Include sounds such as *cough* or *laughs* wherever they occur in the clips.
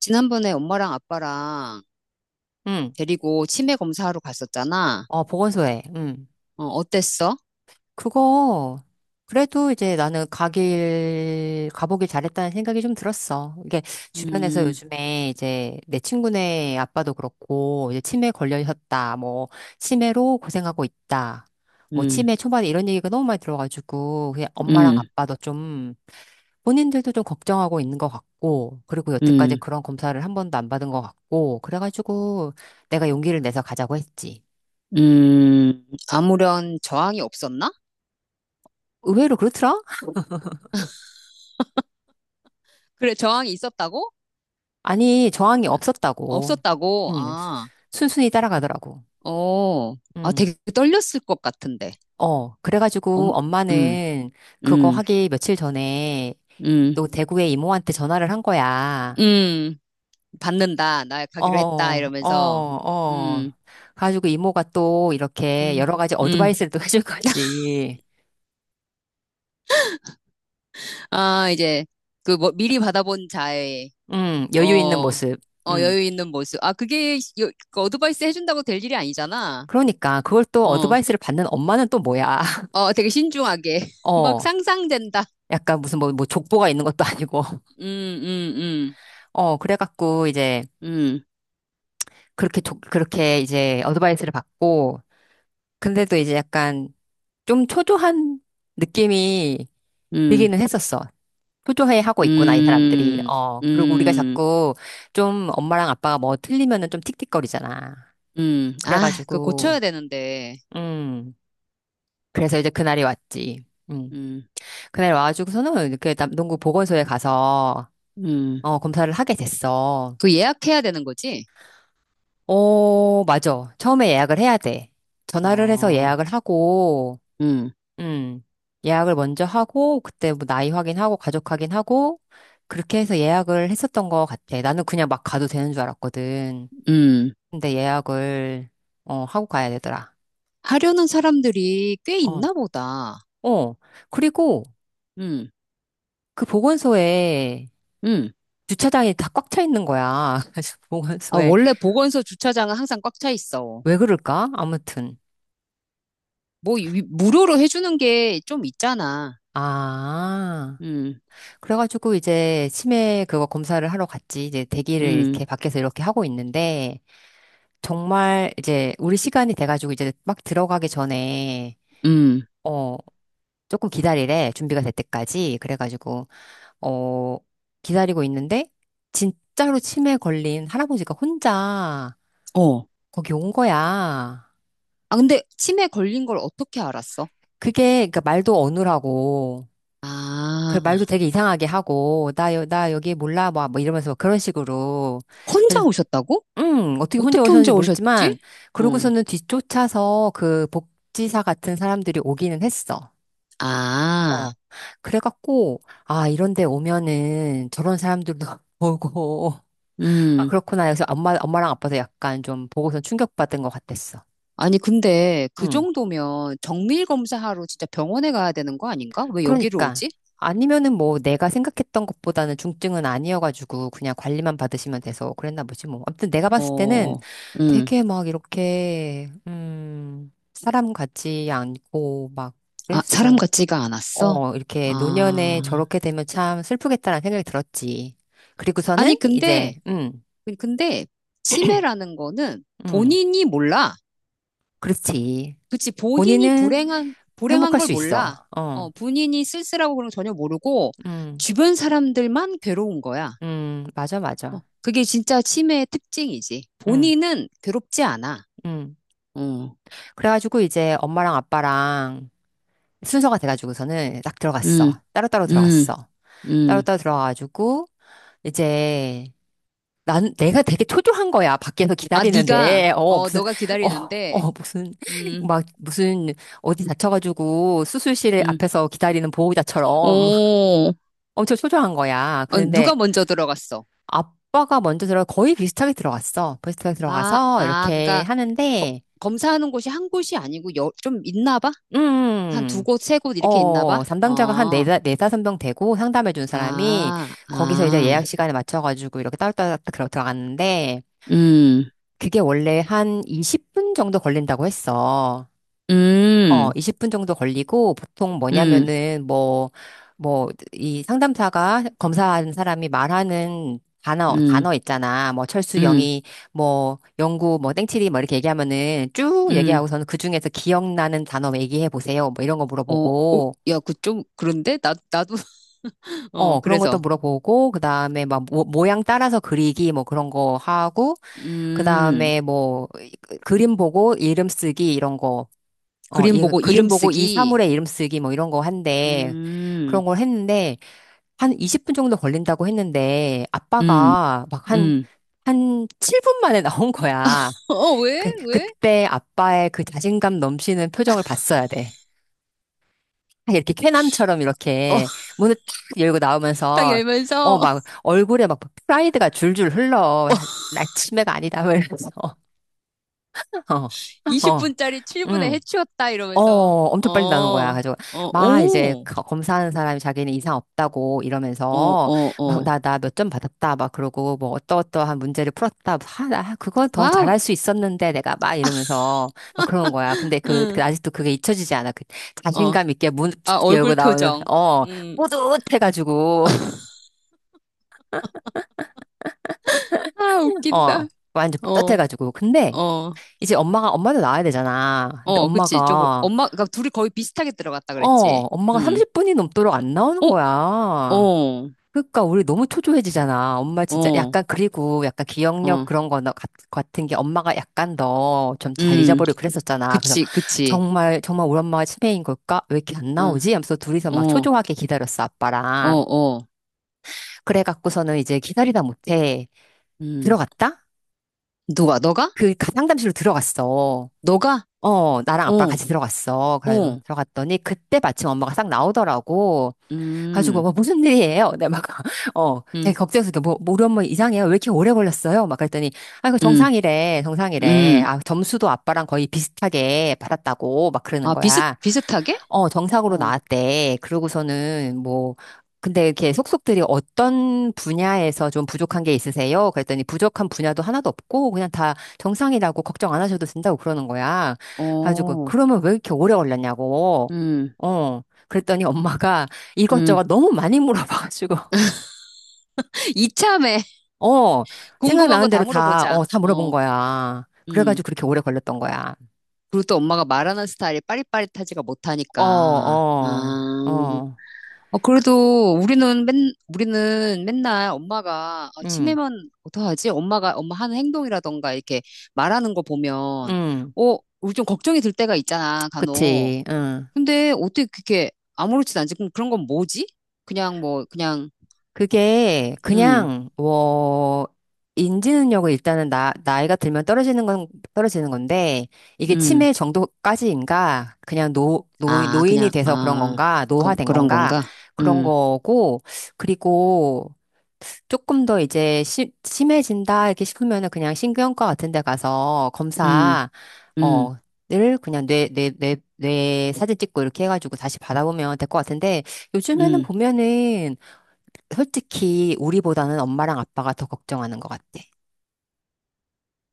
지난번에 엄마랑 아빠랑 응. 데리고 치매 검사하러 갔었잖아. 어, 보건소에. 응. 어, 어땠어? 그거, 그래도 이제 나는 가보길 잘했다는 생각이 좀 들었어. 이게 주변에서 음, 요즘에 이제 내 친구네 아빠도 그렇고, 이제 치매 걸려졌다. 뭐, 치매로 고생하고 있다. 뭐, 음, 치매 초반에 이런 얘기가 너무 많이 들어가지고, 그냥 엄마랑 음, 아빠도 좀, 본인들도 좀 걱정하고 있는 것 같고, 그리고 여태까지 음, 그런 검사를 한 번도 안 받은 것 같고, 그래가지고 내가 용기를 내서 가자고 했지. 음. 아무런 저항이 없었나? 의외로 그렇더라? 그래, 저항이 있었다고? 아니, 저항이 없었다고. 없었다고. 응, 아, 순순히 따라가더라고. 어. 아, 응, 되게 떨렸을 것 같은데. 어. 그래가지고 엄, 음, 엄마는 그거 음, 하기 며칠 전에 음, 또 대구의 이모한테 전화를 한 거야. 음. 받는다. 나 어, 가기로 했다. 이러면서. 어. 음, 가지고 이모가 또 이렇게 음, 여러 가지 음. 어드바이스를 또 *laughs* 해줄 *laughs* 거지. 아, 이제 그 뭐 미리 받아본 자의 응, 여유 있는 어, 모습. 어, 응. 여유 있는 모습. 아, 그게 그 어드바이스 해준다고 될 일이 아니잖아. 그러니까 그걸 또 어, 어드바이스를 받는 엄마는 또 뭐야. *laughs* 어, 되게 신중하게. *laughs* 막 어. 상상된다. 약간 무슨 뭐 족보가 있는 것도 아니고. *laughs* 음, 음, 어, 그래갖고 이제 음, 그렇게 그렇게 이제 어드바이스를 받고 근데도 이제 약간 좀 초조한 느낌이 음, 들기는 했었어. 초조해 하고 있구나, 이 사람들이. 음, 어, 음, 그리고 우리가 음, 자꾸 좀 엄마랑 아빠가 뭐 틀리면은 좀 틱틱거리잖아. 아, 그거 그래가지고, 고쳐야 되는데. 음, 그래서 이제 그날이 왔지. 음, 음, 그날 와가지고서는 이렇게 남동구 보건소에 가서, 음. 어, 검사를 하게 됐어. 그 예약해야 되는 거지? 어, 맞아. 처음에 예약을 해야 돼. 전화를 해서 어, 예약을 하고, 음, 음, 예약을 먼저 하고, 그때 뭐 나이 확인하고, 가족 확인하고, 그렇게 해서 예약을 했었던 것 같아. 나는 그냥 막 가도 되는 줄 알았거든. 음. 근데 어, 하고 가야 되더라. 하려는 사람들이 꽤 어, 있나 보다. 어. 그리고 음, 그 보건소에 음. 주차장이 다 꽉 차 있는 거야. *laughs* 그래서 아, 보건소에 원래 보건소 주차장은 항상 꽉 차 있어. 왜 그럴까? 아무튼. 뭐 무료로 해주는 게 좀 있잖아. 아, 음, 그래가지고 이제 치매 그거 검사를 하러 갔지. 이제 대기를 음, 이렇게 밖에서 이렇게 하고 있는데, 정말 이제 우리 시간이 돼가지고 이제 막 들어가기 전에 음. 어 조금 기다리래 준비가 될 때까지 그래가지고 어 기다리고 있는데 진짜로 치매 걸린 할아버지가 혼자 어. 거기 온 거야. 아 근데 치매 걸린 걸 어떻게 알았어? 그게 그니까 말도 어눌하고 아, 그 말도 되게 이상하게 하고 나 여기 몰라 막 뭐 이러면서 막 그런 식으로 혼자 그래서 오셨다고? 어떻게 혼자 어떻게 오셨는지 혼자 오셨지? 모르겠지만 응. 그러고서는 뒤쫓아서 그 복지사 같은 사람들이 오기는 했어. 아, 어. 그래갖고, 아, 이런 데 오면은 저런 사람들도 *laughs* 보고, 아, 음. 그렇구나. 그래서 엄마랑 아빠도 약간 좀 보고서 충격받은 것 같았어. 아니 근데 그 응. 정도면 정밀 검사하러 진짜 병원에 가야 되는 거 아닌가? 왜 여기로 그러니까. 오지? 아니면은 뭐 내가 생각했던 것보다는 중증은 아니어가지고 그냥 관리만 받으시면 돼서 그랬나 보지 뭐. 아무튼 내가 봤을 때는 어, 음. 되게 막 이렇게, 사람 같지 않고 막 아, 사람 그랬어. 같지가 않았어? 어, 이렇게 아. 노년에 저렇게 되면 참 슬프겠다라는 생각이 들었지. 아니 그리고서는 근데 이제, 근데 치매라는 거는 음, 본인이 몰라. 그렇지. 그치, 본인이 본인은 불행한 행복할 걸 수 몰라. 있어. 어, 어, 본인이 쓸쓸하고 그런 거 전혀 모르고, 음, 주변 사람들만 괴로운 거야. 맞아, 어, 맞아. 그게 진짜 치매의 특징이지. 음, 본인은 괴롭지 않아. 음. 어, 그래가지고 이제 엄마랑 아빠랑 순서가 돼가지고서는 딱 음, 들어갔어. 따로따로 음, 들어갔어. 음. 따로따로 들어가가지고 이제 난 내가 되게 초조한 거야. 밖에서 아, 네가, 기다리는데. 어, 어, 너가 어, 기다리는데, 무슨 *laughs* 음, 막 무슨 어디 다쳐가지고 수술실 음. 앞에서 기다리는 보호자처럼 오, *laughs* 엄청 초조한 거야. 어, 누가 그런데 먼저 들어갔어? 아빠가 먼저 들어 거의 비슷하게 들어갔어. 비슷하게 아, 들어가서 아, 이렇게 그니까, 하는데 검사하는 곳이 한 곳이 아니고, 여, 좀 있나 봐? 음. 한 두 음, 곳, 세 곳 이렇게 있나 봐? 어, 담당자가 어. 네다섯 명 되고 상담해 준 사람이 아, 거기서 이제 아, 예약 시간에 맞춰가지고 이렇게 따로따로 들어갔는데 음, 그게 원래 한 20분 정도 걸린다고 했어. 어, 음, 20분 정도 걸리고 보통 음, 뭐냐면은 뭐, 이 상담사가 검사하는 사람이 말하는 음, 단어 있잖아. 뭐, 철수, 음, 영희, 뭐, 영구, 뭐, 땡칠이, 뭐, 이렇게 얘기하면은 쭉 음, 얘기하고서는 그중에서 기억나는 단어 뭐 얘기해 보세요. 뭐, 이런 거 어, 어, 물어보고. 야, 그 좀, 그런데? 나도, *laughs* 어, 어, 그런 것도 그래서, 물어보고, 그 다음에 막 모양 따라서 그리기, 뭐 그런 거 하고, 그 음, 다음에 뭐, 그림 보고 이름 쓰기 이런 거 어, 그림 이 보고 그림 이름 보고 이 쓰기, 사물의 이름 쓰기 뭐 이런 거 한데 음, 그런 걸 했는데 한 20분 정도 걸린다고 했는데 음, 아빠가 막 음, 한 7분 만에 *laughs* 나온 거야. 어, 왜? 왜? 그때 아빠의 그 자신감 넘치는 표정을 봤어야 돼. 이렇게 쾌남처럼 어, 이렇게 *laughs* 문을 탁 열고 딱 나오면서 어, 열면서, 막 얼굴에 막 프라이드가 줄줄 흘러. 아, 나 치매가 아니다. 막 이러면서. *laughs* 어, *laughs* 어, 20분짜리 7분에 응. 해치웠다, 어, 이러면서, 어, 엄청 빨리 나오는 거야. 어, 가지고 막 이제 오, 검사하는 사람이 자기는 이상 없다고 어, 이러면서 어, 막 어, 나 몇 점 받았다 막 그러고 뭐 어떠어떠한 문제를 풀었다. 아, 나 그거 더 와우, 잘할 수 있었는데 내가 막 이러면서 막 그런 거야. 근데 그 응, 아직도 그게 잊혀지지 않아. 그 어, 자신감 있게 문 아, *laughs* 열고 얼굴 나오는 그, 표정, 어 음, 뿌듯해가지고 *laughs* 아, 어 웃긴다. 완전 어, 뿌듯해가지고 근데 어, 이제 엄마가 엄마도 나와야 되잖아. 근데 어, 그치. 조금, 엄마가 엄마, 그니까 둘이 거의 비슷하게 들어갔다 어 그랬지. 엄마가 응. 30분이 넘도록 안 나오는 어, 거야. 어, 그러니까 우리 너무 초조해지잖아. 엄마 진짜 어, 약간 그리고 약간 기억력 어, 그런 거 같은 게 엄마가 약간 더 좀 잘 음, 잊어버리고 그랬었잖아. 그래서 그치, 그치. 정말 정말 우리 엄마가 치매인 걸까? 왜 이렇게 안 응, 나오지? 하면서 둘이서 막 어, 초조하게 기다렸어 어, 아빠랑. 어, 그래갖고서는 이제 기다리다 못해 음. 들어갔다? 누가, 너가? 상담실로 들어갔어. 너가? 어, 나랑 아빠랑 어, 같이 들어갔어. 그래가지고 어, 들어갔더니 그때 마침 엄마가 싹 나오더라고. 가지고 음, 뭐 무슨 일이에요? 내가 막 *laughs* 어, 제가 음, 걱정해서 이렇게 뭐 우리 엄마 이상해요? 왜 이렇게 오래 걸렸어요? 막 그랬더니 아 이거 음, 정상이래 정상이래 음. 아 점수도 아빠랑 거의 비슷하게 받았다고 막 그러는 아, 비슷, 거야. 비슷하게? 어, 정상으로 어, 나왔대. 그러고서는 뭐, 근데 이렇게 속속들이 어떤 분야에서 좀 부족한 게 있으세요? 그랬더니 부족한 분야도 하나도 없고 그냥 다 정상이라고 걱정 안 하셔도 된다고 그러는 거야. 가지고 어, 그러면 왜 이렇게 오래 걸렸냐고. 음, 어. 그랬더니 엄마가 이것저것 음. 너무 많이 물어봐가지고 *laughs* *laughs* 이참에 어, 궁금한 거 생각나는 다 대로 다, 물어보자. 어, 다 물어본 어, 거야. 음. 그래가지고 그렇게 오래 걸렸던 거야. 그리고 또 엄마가 말하는 스타일이 빠릿빠릿하지가 어, 못하니까. 어, 아, 어, 어, 그래도 우리는 맨날 엄마가, 아, 응, 치매면 어떡하지? 엄마 하는 행동이라던가 이렇게 말하는 거 보면, 응, 어, 우리 좀 걱정이 들 때가 있잖아, 간혹. 그치, 응. 근데 어떻게 그렇게 아무렇지도 않지? 그럼 그런 건 뭐지? 그냥 뭐, 그냥, 그게 음, 그냥 뭐 인지능력은 일단은 나 나이가 들면 떨어지는 건 떨어지는 건데 이게 음, 치매 정도까지인가 그냥 노 노 아, 노인이 그냥, 돼서 그런 아, 건가 그, 노화된 그런 건가 건가? 그런 음, 거고 그리고 조금 더 이제 심 심해진다 이렇게 싶으면은 그냥 신경과 같은 데 가서 음, 검사 음, 어 늘 그냥 뇌 사진 찍고 이렇게 해가지고 다시 받아보면 될 것 같은데 요즘에는 음. 보면은 솔직히 우리보다는 엄마랑 아빠가 더 걱정하는 것 같아.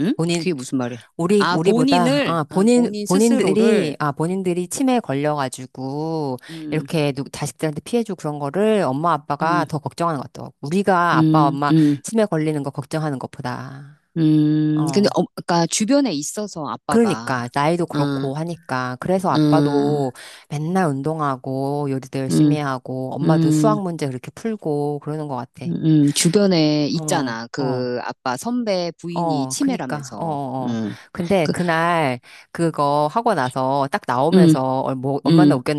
응? 본인, 그게 무슨 말이야? 아, 우리보다, 아, 본인 스스로를, 본인들이, 아, 본인들이 치매에 걸려가지고, 음, 이렇게 자식들한테 피해주고 그런 거를 엄마, 아빠가 음, 더 걱정하는 것 같더라고. 우리가 아빠, 음, 엄마 음, 치매 걸리는 거 걱정하는 것보다. 근데, 어. 어, 그니까, 주변에 있어서 아빠가, 그러니까, 나이도 응, 그렇고 하니까. 그래서 응, 아빠도 맨날 운동하고, 요리도 열심히 응, 하고, 엄마도 응, 수학 문제 그렇게 풀고, 그러는 것 같아. 응, 주변에 어, 있잖아. 어. 그, 아빠 선배 부인이 어, 그니까, 어, 치매라면서, 어, 어. 응, 근데 그, 그날 그거 하고 나서 딱 응, 나오면서 얼마나 응,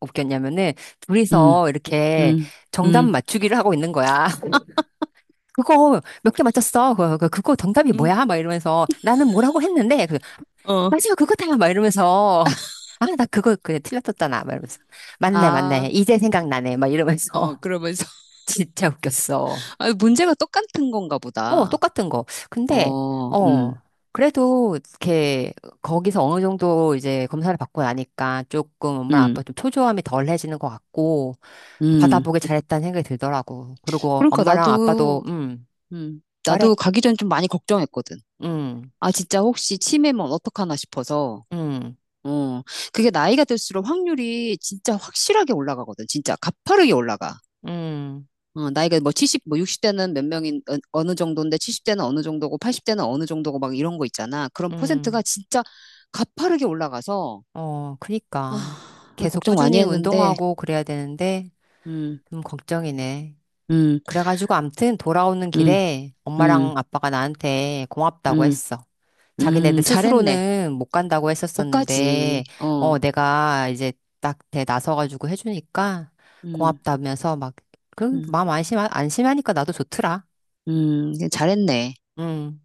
웃겼냐면은 응, 둘이서 이렇게 응, 정답 응, 맞추기를 하고 있는 거야. *laughs* 그거 몇 개 맞췄어? 그거 정답이 응, 뭐야? 막 이러면서 나는 뭐라고 했는데, 그, 어, 맞아, 그거다! 막 이러면서. 아, 나 그거 그냥 틀렸었잖아. 막 이러면서. 맞네, 아, 맞네. 이제 생각나네. 막 어, 이러면서. 그러면서, *laughs* 진짜 웃겼어. *laughs* 아, 문제가 똑같은 건가 어, 보다. 똑같은 거. 근데, 어, 어, 그래도, 이렇게, 거기서 어느 정도 이제 검사를 받고 나니까 조금 엄마 아빠 음, 좀 초조함이 덜해지는 것 같고, 음. 받아보길 잘했다는 생각이 들더라고. 그리고 그러니까 엄마랑 아빠도, 나도, 음, 말해. 나도 가기 전 좀 많이 걱정했거든. 음, 아, 진짜 혹시 치매면 어떡하나 싶어서. 음, 어, 그게 나이가 들수록 확률이 진짜 확실하게 올라가거든. 진짜 가파르게 올라가. 음, 어, 나이가 뭐 70, 뭐 60대는 어느 정도인데 70대는 어느 정도고 80대는 어느 정도고 막 이런 거 있잖아. 그런 음, 퍼센트가 진짜 가파르게 올라가서, 어, 그니까. 아, 그 계속 걱정 많이 꾸준히 했는데, 운동하고 그래야 되는데, 음, 좀 걱정이네. 음, 그래가지고 암튼 돌아오는 음, 길에 음, 엄마랑 아빠가 나한테 고맙다고 음, 했어. 자기네들 잘했네. 스스로는 못 간다고 못 가지. 했었었는데, 어, 어, 내가 이제 딱 대 나서가지고 해주니까 음. 고맙다면서 막, 그, 음. 마음 안심하니까 나도 좋더라. 음. 잘했네. 응.